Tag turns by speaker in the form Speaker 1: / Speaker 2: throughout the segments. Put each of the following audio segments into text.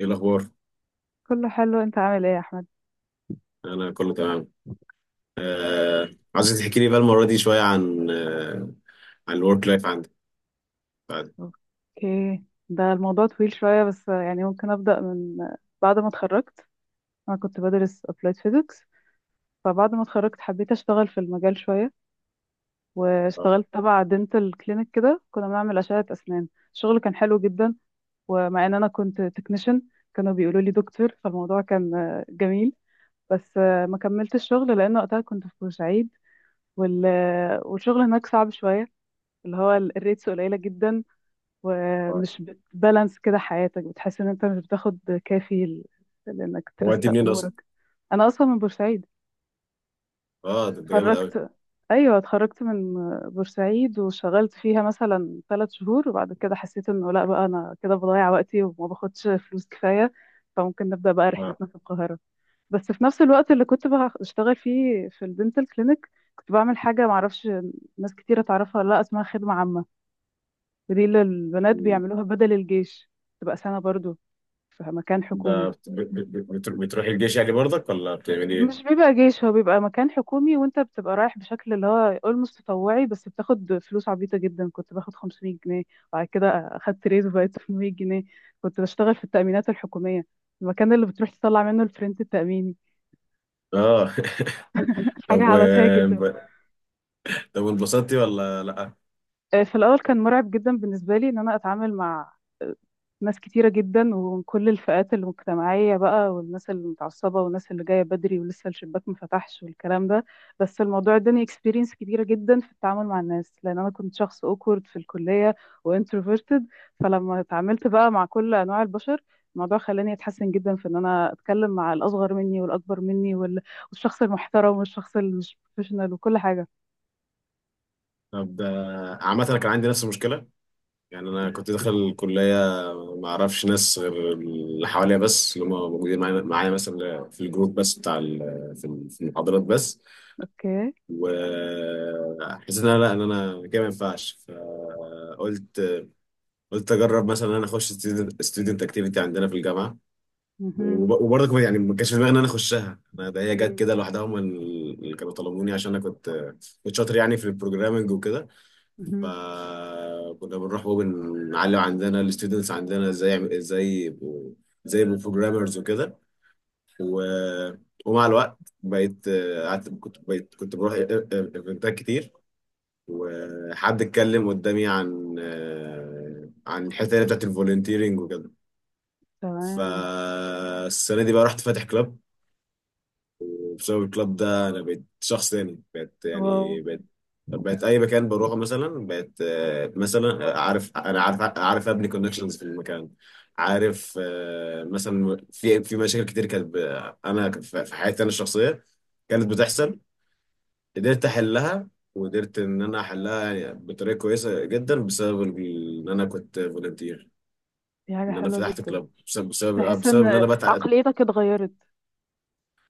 Speaker 1: ايه الاخبار؟
Speaker 2: كله حلو، انت عامل ايه يا احمد؟
Speaker 1: انا كله تمام. آه، عايز تحكي لي بقى المره دي شويه عن عن الورك لايف عندك بعد.
Speaker 2: اوكي. ده الموضوع طويل شوية، بس يعني ممكن ابدأ من بعد ما اتخرجت. انا كنت بدرس applied physics. فبعد ما اتخرجت حبيت اشتغل في المجال شوية،
Speaker 1: اه.
Speaker 2: واشتغلت تبع دنتال كلينيك كده كنا بنعمل أشعة اسنان. الشغل كان حلو جدا، ومع ان انا كنت تكنيشن كانوا بيقولوا لي دكتور فالموضوع كان جميل. بس ما كملتش الشغل لان وقتها كنت في بورسعيد، وال... والشغل هناك صعب شوية، اللي هو الريتس قليلة جدا
Speaker 1: اه،
Speaker 2: ومش بتبالانس كده حياتك بتحس ان انت مش بتاخد كافي لانك
Speaker 1: هو انت
Speaker 2: ترسق
Speaker 1: منين اصلا؟
Speaker 2: امورك. انا اصلا من بورسعيد.
Speaker 1: اه، ده انت جامد قوي.
Speaker 2: اتخرجت ايوه اتخرجت من بورسعيد وشغلت فيها مثلا 3 شهور، وبعد كده حسيت انه لا بقى انا كده بضيع وقتي وما باخدش فلوس كفايه، فممكن نبدا بقى
Speaker 1: اه.
Speaker 2: رحلتنا في القاهره. بس في نفس الوقت اللي كنت بشتغل فيه في الدنتال كلينيك، كنت بعمل حاجه معرفش ناس كتيره تعرفها ولا لا، اسمها خدمه عامه، ودي اللي البنات
Speaker 1: مم.
Speaker 2: بيعملوها بدل الجيش، تبقى سنة برضو، فمكان
Speaker 1: ده
Speaker 2: حكومي.
Speaker 1: بتروحي الجيش يعني برضك ولا بتعملي
Speaker 2: مش
Speaker 1: ايه؟
Speaker 2: بيبقى جيش، هو بيبقى مكان حكومي وانت بتبقى رايح بشكل اللي هو اولموست تطوعي، بس بتاخد فلوس عبيطة جدا. كنت باخد 500 جنيه، وبعد كده اخدت ريز وبقيت 800 جنيه. كنت بشتغل في التأمينات الحكومية، المكان اللي بتروح تطلع منه الفرنت التأميني.
Speaker 1: اه.
Speaker 2: حاجة
Speaker 1: طب
Speaker 2: عبثية جدا.
Speaker 1: طب وانبسطتي ولا لا؟
Speaker 2: آه، في الأول كان مرعب جدا بالنسبة لي إن أنا أتعامل مع آه، ناس كتيرة جدا ومن كل الفئات المجتمعية بقى، والناس المتعصبة والناس اللي جاية بدري ولسه الشباك ما فتحش والكلام ده. بس الموضوع اداني اكسبيرينس كبيرة جدا في التعامل مع الناس، لأن أنا كنت شخص اوكورد في الكلية وانتروفيرتد. فلما اتعاملت بقى مع كل أنواع البشر، الموضوع خلاني اتحسن جدا في ان انا اتكلم مع الاصغر مني والاكبر مني والشخص المحترم والشخص اللي مش بروفيشنال وكل حاجه.
Speaker 1: طب ده عامه انا كان عندي نفس المشكله. يعني انا كنت داخل الكليه ما اعرفش ناس غير اللي حواليا، بس اللي هم موجودين معايا مثلا في الجروب بس بتاع في المحاضرات بس.
Speaker 2: اوكي.
Speaker 1: وحسيت ان انا لا ان انا كده ما ينفعش، فقلت اجرب مثلا ان انا اخش ستودنت اكتيفيتي عندنا في الجامعه.
Speaker 2: مهم.
Speaker 1: وبرضه كمان يعني ما كانش في دماغي ان انا اخشها أنا، ده هي جت
Speaker 2: مم.
Speaker 1: كده لوحدها، هم اللي كانوا طلبوني عشان انا كنت شاطر يعني في البروجرامنج وكده.
Speaker 2: مهم.
Speaker 1: فكنا بنروح وبنعلم عندنا الستودنتس عندنا ازاي يبقوا بروجرامرز وكده. و... ومع الوقت بقيت قعدت كنت بقيت كنت بروح ايفنتات كتير. وحد اتكلم قدامي عن عن الحته اللي بتاعت الفولنتيرنج وكده.
Speaker 2: تمام.
Speaker 1: فالسنه دي بقى رحت فاتح كلاب، وبسبب الكلاب ده انا بقيت شخص تاني، بقيت
Speaker 2: واو،
Speaker 1: يعني بقيت اي مكان بروحه. مثلا بقيت آه، مثلا آه، عارف، انا عارف ابني كونكشنز في المكان. عارف مثلا في مشاكل كتير كانت انا في حياتي انا الشخصيه كانت بتحصل، قدرت احلها. وقدرت ان انا احلها يعني بطريقه كويسه جدا بسبب ان انا كنت فولنتير.
Speaker 2: دي حاجة
Speaker 1: ان انا
Speaker 2: حلوة
Speaker 1: فتحت
Speaker 2: جدا.
Speaker 1: كلاب
Speaker 2: تحس
Speaker 1: بسبب ان
Speaker 2: ان
Speaker 1: انا
Speaker 2: عقليتك اتغيرت؟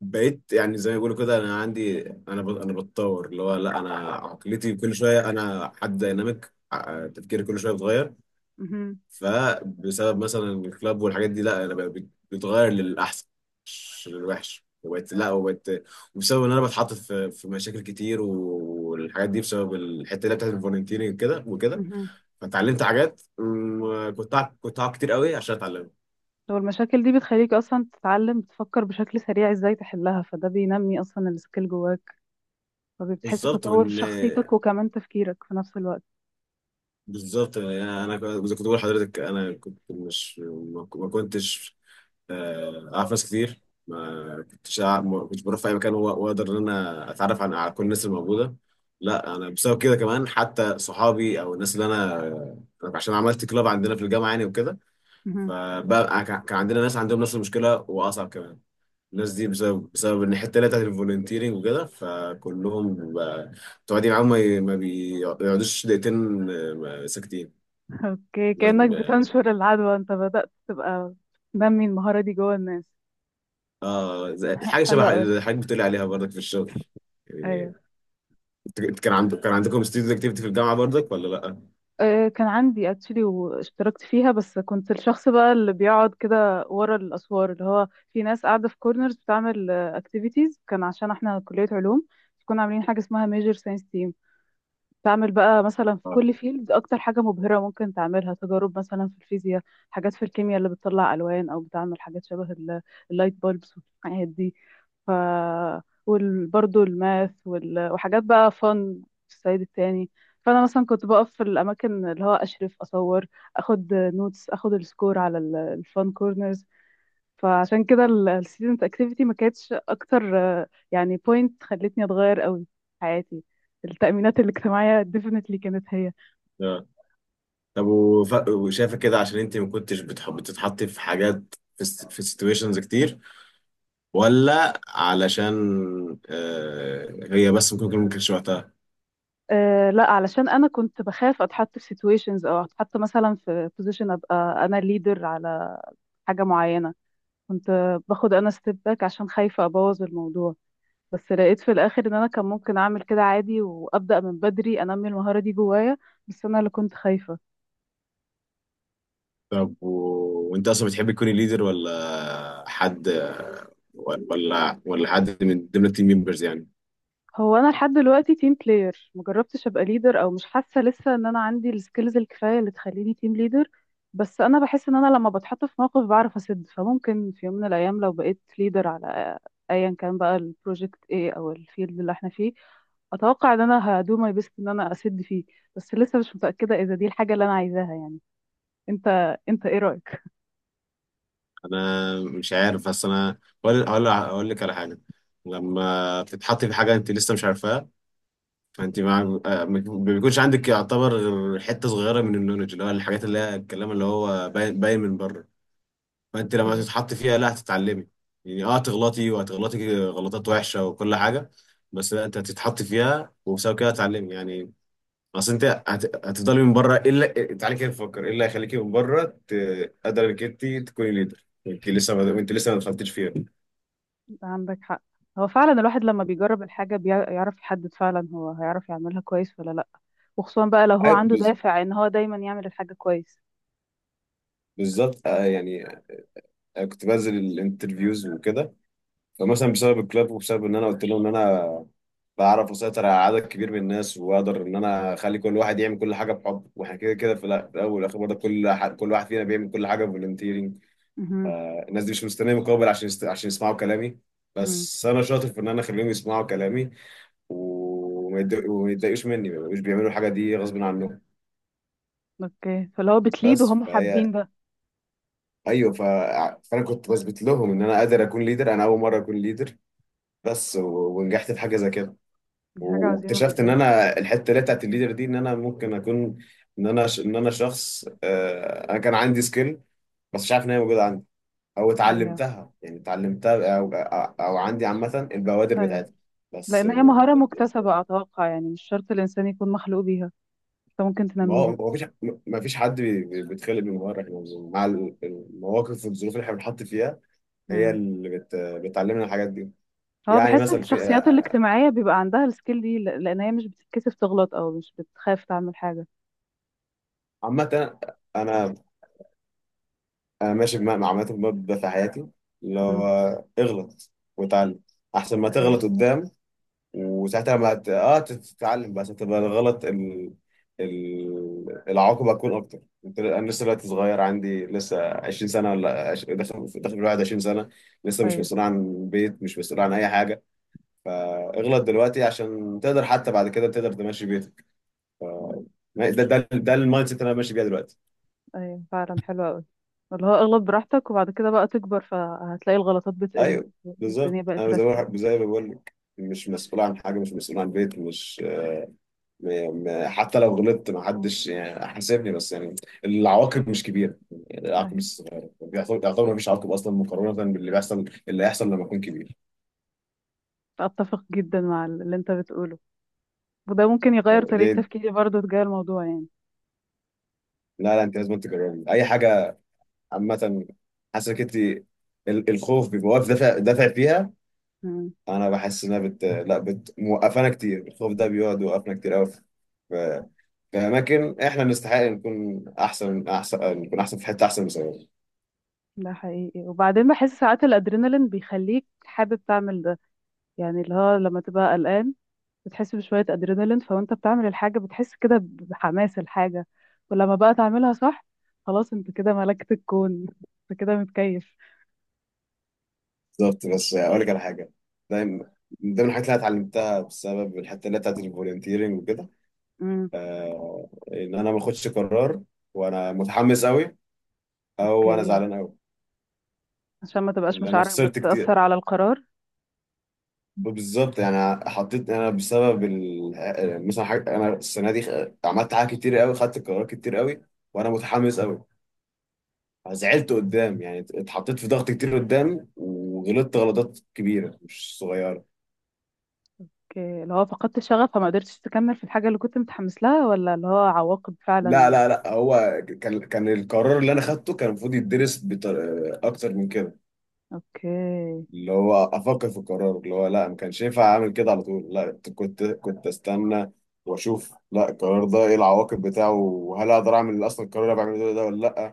Speaker 1: بقيت يعني زي ما بيقولوا كده انا عندي، انا بتطور، اللي هو لا انا عقليتي كل شويه، انا حد دايناميك، تفكيري كل شويه بيتغير.
Speaker 2: مهم.
Speaker 1: فبسبب مثلا الكلاب والحاجات دي لا انا بقى بتغير للاحسن مش للوحش، وبقت لا وبقت وبسبب ان انا بتحط في مشاكل كتير والحاجات دي بسبب الحته اللي هي بتاعت الفولنتيرنج كده وكده.
Speaker 2: مهم.
Speaker 1: فتعلمت حاجات م- كنت أع- كنت أقعد كتير قوي عشان اتعلمها.
Speaker 2: هو المشاكل دي بتخليك اصلا تتعلم تفكر بشكل سريع ازاي تحلها، فده بينمي اصلا السكيل جواك، فبتحس
Speaker 1: بالظبط
Speaker 2: بتطور
Speaker 1: وان
Speaker 2: شخصيتك وكمان تفكيرك في نفس الوقت.
Speaker 1: بالظبط يعني زي ما كنت بقول لحضرتك انا كنت مش ما ما كنتش آه، اعرف ناس كتير، ما كنتش بروح في اي مكان واقدر ان انا اتعرف على كل الناس الموجوده. لا انا بسبب كده كمان حتى صحابي او الناس اللي انا، أنا عشان عملت كلاب عندنا في الجامعه يعني وكده.
Speaker 2: مهم.
Speaker 1: فبقى كان عندنا ناس عندهم نفس المشكله واصعب كمان. الناس دي بسبب ان الحته اللي هي بتاعت الفولنتيرنج وكده فكلهم تقعدي معاهم ما بيقعدوش دقيقتين ساكتين.
Speaker 2: اوكي،
Speaker 1: لازم
Speaker 2: كأنك
Speaker 1: ب-
Speaker 2: بتنشر العدوى، انت بدأت تبقى تنمي المهارة دي جوه الناس.
Speaker 1: اه، حاجه شبه
Speaker 2: حلوة
Speaker 1: الحاجات
Speaker 2: قوي.
Speaker 1: اللي حضرتك بتقولي عليها برضك في الشغل
Speaker 2: ايوه.
Speaker 1: يعني. انت كان عندك كان عندكم ستودنت اكتيفيتي في الجامعه برضك ولا لا؟
Speaker 2: آه، كان عندي اكشلي واشتركت فيها، بس كنت الشخص بقى اللي بيقعد كده ورا الاسوار اللي هو في ناس قاعده في كورنرز بتعمل اكتيفيتيز، كان عشان احنا كليه علوم كنا عاملين حاجه اسمها ميجر ساينس تيم. تعمل بقى مثلا في
Speaker 1: اه.
Speaker 2: كل فيلد اكتر حاجة مبهرة ممكن تعملها، تجارب مثلا في الفيزياء، حاجات في الكيمياء اللي بتطلع الوان او بتعمل حاجات شبه اللايت بولبس والحاجات دي. ف وبرضه الماث وحاجات بقى فن في الصعيد التاني. فانا مثلا كنت بقف في الاماكن اللي هو اشرف اصور، اخد نوتس، اخد السكور على الفان كورنرز. فعشان كده الستودنت اكتيفيتي ما كانتش اكتر يعني بوينت خلتني اتغير قوي في حياتي. التأمينات الاجتماعية definitely كانت هي.
Speaker 1: اه، طب وشايفه كده عشان انت ما كنتش بتحب بتتحطي في حاجات في في سيتويشنز كتير ولا علشان هي بس ممكن يكون ما كانش وقتها؟
Speaker 2: أه، لا، علشان أنا كنت بخاف أتحط في situations أو أتحط مثلا في position أبقى أنا leader على حاجة معينة. كنت باخد أنا step back عشان خايفة أبوظ الموضوع. بس لقيت في الآخر إن أنا كان ممكن أعمل كده عادي وأبدأ من بدري أنمي المهارة دي جوايا، بس أنا اللي كنت خايفة.
Speaker 1: طب وانت اصلا بتحب تكوني ليدر ولا حد، ولا حد من ضمن التيم ممبرز يعني؟
Speaker 2: هو انا لحد دلوقتي تيم بلاير، مجربتش ابقى ليدر، او مش حاسه لسه ان انا عندي السكيلز الكفايه اللي تخليني تيم ليدر. بس انا بحس ان انا لما بتحط في موقف بعرف اسد، فممكن في يوم من الايام لو بقيت ليدر على ايا كان بقى البروجكت ايه او الفيلد اللي احنا فيه، اتوقع ان انا هدو ماي بيست ان انا اسد فيه. بس لسه مش متاكده اذا دي الحاجه اللي انا عايزاها يعني. انت ايه رايك؟
Speaker 1: انا مش عارف، بس انا هقول لك على حاجه. لما تتحطي في حاجه انت لسه مش عارفاها، فانت ما بيكونش عندك يعتبر غير حته صغيره من النولج، اللي هو الحاجات اللي هي الكلام اللي هو باين من بره. فانت لما
Speaker 2: اوكي،
Speaker 1: تتحط فيها لا هتتعلمي يعني. اه هتغلطي وهتغلطي غلطات وحشه وكل حاجه، بس لا انت هتتحط فيها وبسبب كده هتتعلمي يعني. اصل انت هتفضلي من بره ايه اللي، تعالي كده نفكر ايه اللي هيخليكي من بره قادره انك انت تكوني ليدر، انت لسه ما انت لسه ما دخلتيش فيها.
Speaker 2: انت عندك حق. هو فعلا الواحد لما بيجرب الحاجه بيعرف يحدد فعلا هو هيعرف يعملها كويس ولا لا، وخصوصا بقى لو هو
Speaker 1: أي-
Speaker 2: عنده
Speaker 1: بز-
Speaker 2: دافع ان هو دايما يعمل الحاجة كويس.
Speaker 1: بالظبط يعني كنت بنزل الانترفيوز وكده. فمثلا بسبب الكلاب وبسبب ان انا قلت لهم ان انا بعرف اسيطر على عدد كبير من الناس واقدر ان انا اخلي كل واحد يعمل كل حاجه بحب، واحنا كده كده في في الاول والاخر برضه كل كل واحد فينا بيعمل كل حاجه فولنتيرنج.
Speaker 2: مهم.
Speaker 1: الناس دي مش مستنيه مقابل عشان عشان يسمعوا كلامي،
Speaker 2: مم.
Speaker 1: بس انا شاطر في ان انا اخليهم يسمعوا كلامي وما يتضايقوش مني، ما يبقوش بيعملوا الحاجه دي غصب عنهم.
Speaker 2: اوكي، فلو هو بتليد
Speaker 1: بس
Speaker 2: وهم
Speaker 1: فهي
Speaker 2: حابين ده.
Speaker 1: ايوه ف... فانا كنت بثبت لهم ان انا قادر اكون ليدر، انا اول مره اكون ليدر، ونجحت في حاجه زي كده.
Speaker 2: دي حاجة عظيمة
Speaker 1: واكتشفت ان
Speaker 2: جدا.
Speaker 1: انا الحته اللي بتاعت الليدر دي ان انا ممكن اكون، ان انا شخص انا كان عندي سكيل بس مش عارف ان هي موجوده عندي، او
Speaker 2: ايوه،
Speaker 1: اتعلمتها يعني اتعلمتها او او عندي عامه البوادر
Speaker 2: ايوه.
Speaker 1: بتاعتها. بس
Speaker 2: لان هي مهارة مكتسبة اتوقع، يعني مش شرط الانسان يكون مخلوق بيها، انت ممكن
Speaker 1: ما هو
Speaker 2: تنميها.
Speaker 1: ما فيش ما فيش حد بيتخلق من مره، احنا مع المواقف والظروف اللي احنا بنحط فيها هي
Speaker 2: مم.
Speaker 1: اللي بتعلمنا الحاجات دي.
Speaker 2: هو
Speaker 1: يعني
Speaker 2: بحس في
Speaker 1: مثلا في
Speaker 2: الشخصيات الاجتماعية بيبقى عندها السكيل دي، لان هي مش بتتكسف تغلط او مش بتخاف تعمل حاجة.
Speaker 1: عامه، انا انا ماشي بمبدأ، عامه بمبدأ في حياتي اللي
Speaker 2: مم.
Speaker 1: هو اغلط واتعلم احسن ما
Speaker 2: ايوه.
Speaker 1: تغلط قدام. وساعتها ما ت... اه تتعلم بس هتبقى العواقب هتكون اكتر. انا لسه دلوقتي صغير، عندي لسه 20 سنه، ولا عش... داخل داخل الواحد 20 سنه، لسه مش
Speaker 2: ايوه.
Speaker 1: مسؤول عن بيت، مش مسؤول عن اي حاجه. فاغلط دلوقتي عشان تقدر حتى بعد كده تقدر تمشي بيتك. ده المايند سيت اللي انا ماشي بيها دلوقتي.
Speaker 2: ايوه فعلا حلوة قوي، اللي هو اغلط براحتك وبعد كده بقى تكبر فهتلاقي الغلطات بتقل
Speaker 1: ايوه بالظبط،
Speaker 2: والدنيا بقت
Speaker 1: انا زي ما
Speaker 2: راسية.
Speaker 1: زي ما بقول لك مش مسؤول عن حاجه، مش مسؤول عن بيت، مش م... م... حتى لو غلطت ما حدش يعني حاسبني. بس يعني العواقب مش كبيره، يعني العواقب
Speaker 2: أيوه.
Speaker 1: مش صغيره، يعتبر يعتبر ما فيش عواقب اصلا مقارنه باللي بيحصل اللي هيحصل لما اكون كبير.
Speaker 2: اتفق جدا مع اللي انت بتقوله، وده ممكن يغير
Speaker 1: أو
Speaker 2: طريقة
Speaker 1: ليه؟
Speaker 2: تفكيري برضو تجاه الموضوع يعني.
Speaker 1: لا لا، انت لازم تجربي اي حاجه. عامه حاسسك انت الخوف بيبقى واقف دافع فيها.
Speaker 2: مم.
Speaker 1: انا بحس انها بت لا بت موقفانا كتير، الخوف ده بيقعد يوقفنا كتير قوي في اماكن احنا نستحق نكون احسن، نكون احسن في حته احسن من زمان.
Speaker 2: ده حقيقي، وبعدين بحس ساعات الادرينالين بيخليك حابب تعمل ده، يعني اللي هو لما تبقى قلقان بتحس بشوية ادرينالين فوانت بتعمل الحاجة بتحس كده بحماس الحاجة، ولما بقى تعملها صح خلاص انت كده ملكت الكون. انت كده متكيف.
Speaker 1: بالظبط، بس اقول لك على حاجه. دايما من من ضمن الحاجات اللي أنا اتعلمتها بسبب الحته اللي بتاعت الفولنتيرنج وكده،
Speaker 2: امم.
Speaker 1: ان انا ما اخدش قرار وانا متحمس قوي او انا
Speaker 2: اوكي،
Speaker 1: زعلان قوي،
Speaker 2: عشان ما تبقاش
Speaker 1: لان انا
Speaker 2: مشاعرك
Speaker 1: خسرت كتير.
Speaker 2: بتأثر على القرار.
Speaker 1: بالظبط، يعني حطيت انا بسبب مثلا حاجة، انا السنه دي عملت حاجات كتير قوي، خدت قرارات كتير قوي وانا متحمس قوي. زعلت قدام يعني، اتحطيت في ضغط كتير قدام وغلطت غلطات كبيرة مش صغيرة.
Speaker 2: اوكي، اللي هو فقدت الشغف فما قدرتش تكمل في الحاجة اللي كنت متحمس لها، ولا اللي هو عواقب
Speaker 1: لا
Speaker 2: فعلا.
Speaker 1: لا لا، هو كان القرار اللي انا خدته كان المفروض اكتر من كده.
Speaker 2: اوكي.
Speaker 1: اللي هو افكر في القرار، اللي هو لا ما كانش ينفع اعمل كده على طول، لا كنت استنى واشوف لا القرار ده ايه العواقب بتاعه، وهل اقدر اعمل اصلا القرار اللي أنا بعمله ده ولا لا.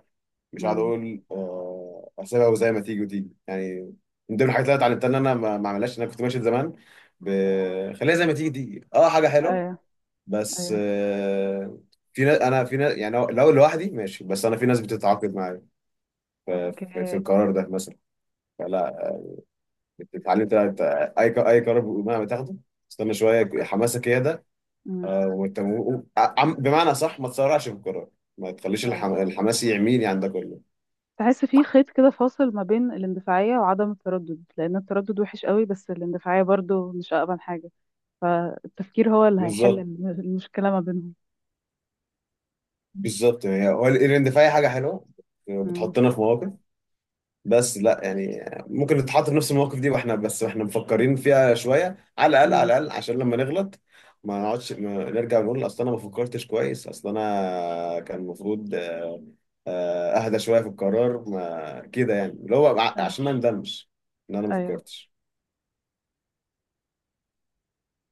Speaker 1: مش قاعد
Speaker 2: امم.
Speaker 1: اقول اسيبها وزي ما تيجي وتيجي يعني. من ضمن الحاجات اللي انا اتعلمتها ان انا ما اعملهاش، ان انا كنت ماشي زمان ب... خليها زي ما تيجي تيجي، اه حاجه حلوه
Speaker 2: ايوه.
Speaker 1: بس
Speaker 2: ايوه.
Speaker 1: في ناس، في ناس يعني لو لو لوحدي ماشي، بس انا في ناس بتتعاقد معايا في, في, في
Speaker 2: اوكي.
Speaker 1: القرار ده مثلا. فلا اتعلمت لا، انت اي اي قرار مهما تاخده استنى شويه
Speaker 2: تفكر فيه.
Speaker 1: حماسك، هي ده.
Speaker 2: امم.
Speaker 1: وانت بمعنى صح ما تسرعش في القرار، ما تخليش
Speaker 2: ايوه.
Speaker 1: الحماس يعميني عندك كله.
Speaker 2: تحس في خيط كده فاصل ما بين الاندفاعية وعدم التردد، لأن التردد وحش قوي بس الاندفاعية برضو مش أقبل حاجة، فالتفكير هو اللي هيحل
Speaker 1: بالظبط
Speaker 2: المشكلة ما بينهم.
Speaker 1: بالظبط هي هو الايفنت في اي حاجه حلوه
Speaker 2: امم.
Speaker 1: بتحطنا في مواقف، بس لا يعني ممكن نتحط في نفس المواقف دي واحنا بس واحنا مفكرين فيها شويه، على
Speaker 2: امم.
Speaker 1: الاقل عشان لما نغلط ما نقعدش ما نرجع نقول اصل انا ما فكرتش كويس، اصل انا كان المفروض اهدى شويه في القرار ما كده يعني. اللي هو
Speaker 2: ايوه.
Speaker 1: عشان ما ندمش ان انا ما
Speaker 2: أيوة.
Speaker 1: فكرتش.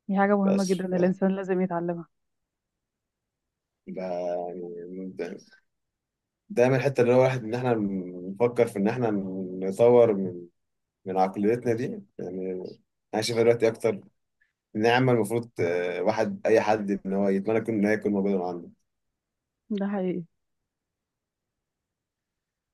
Speaker 2: دي حاجة مهمة
Speaker 1: بس
Speaker 2: جدا،
Speaker 1: ف...
Speaker 2: الإنسان لازم يتعلمها.
Speaker 1: ده يعني ده- دايما الحته اللي هو الواحد ان احنا نفكر في ان احنا نطور من عقليتنا دي يعني، انا شايفها دلوقتي اكتر نعمه. المفروض آه، واحد اي حد ان هو يتمنى يكون ان هي تكون موجوده معانا.
Speaker 2: ده حقيقي.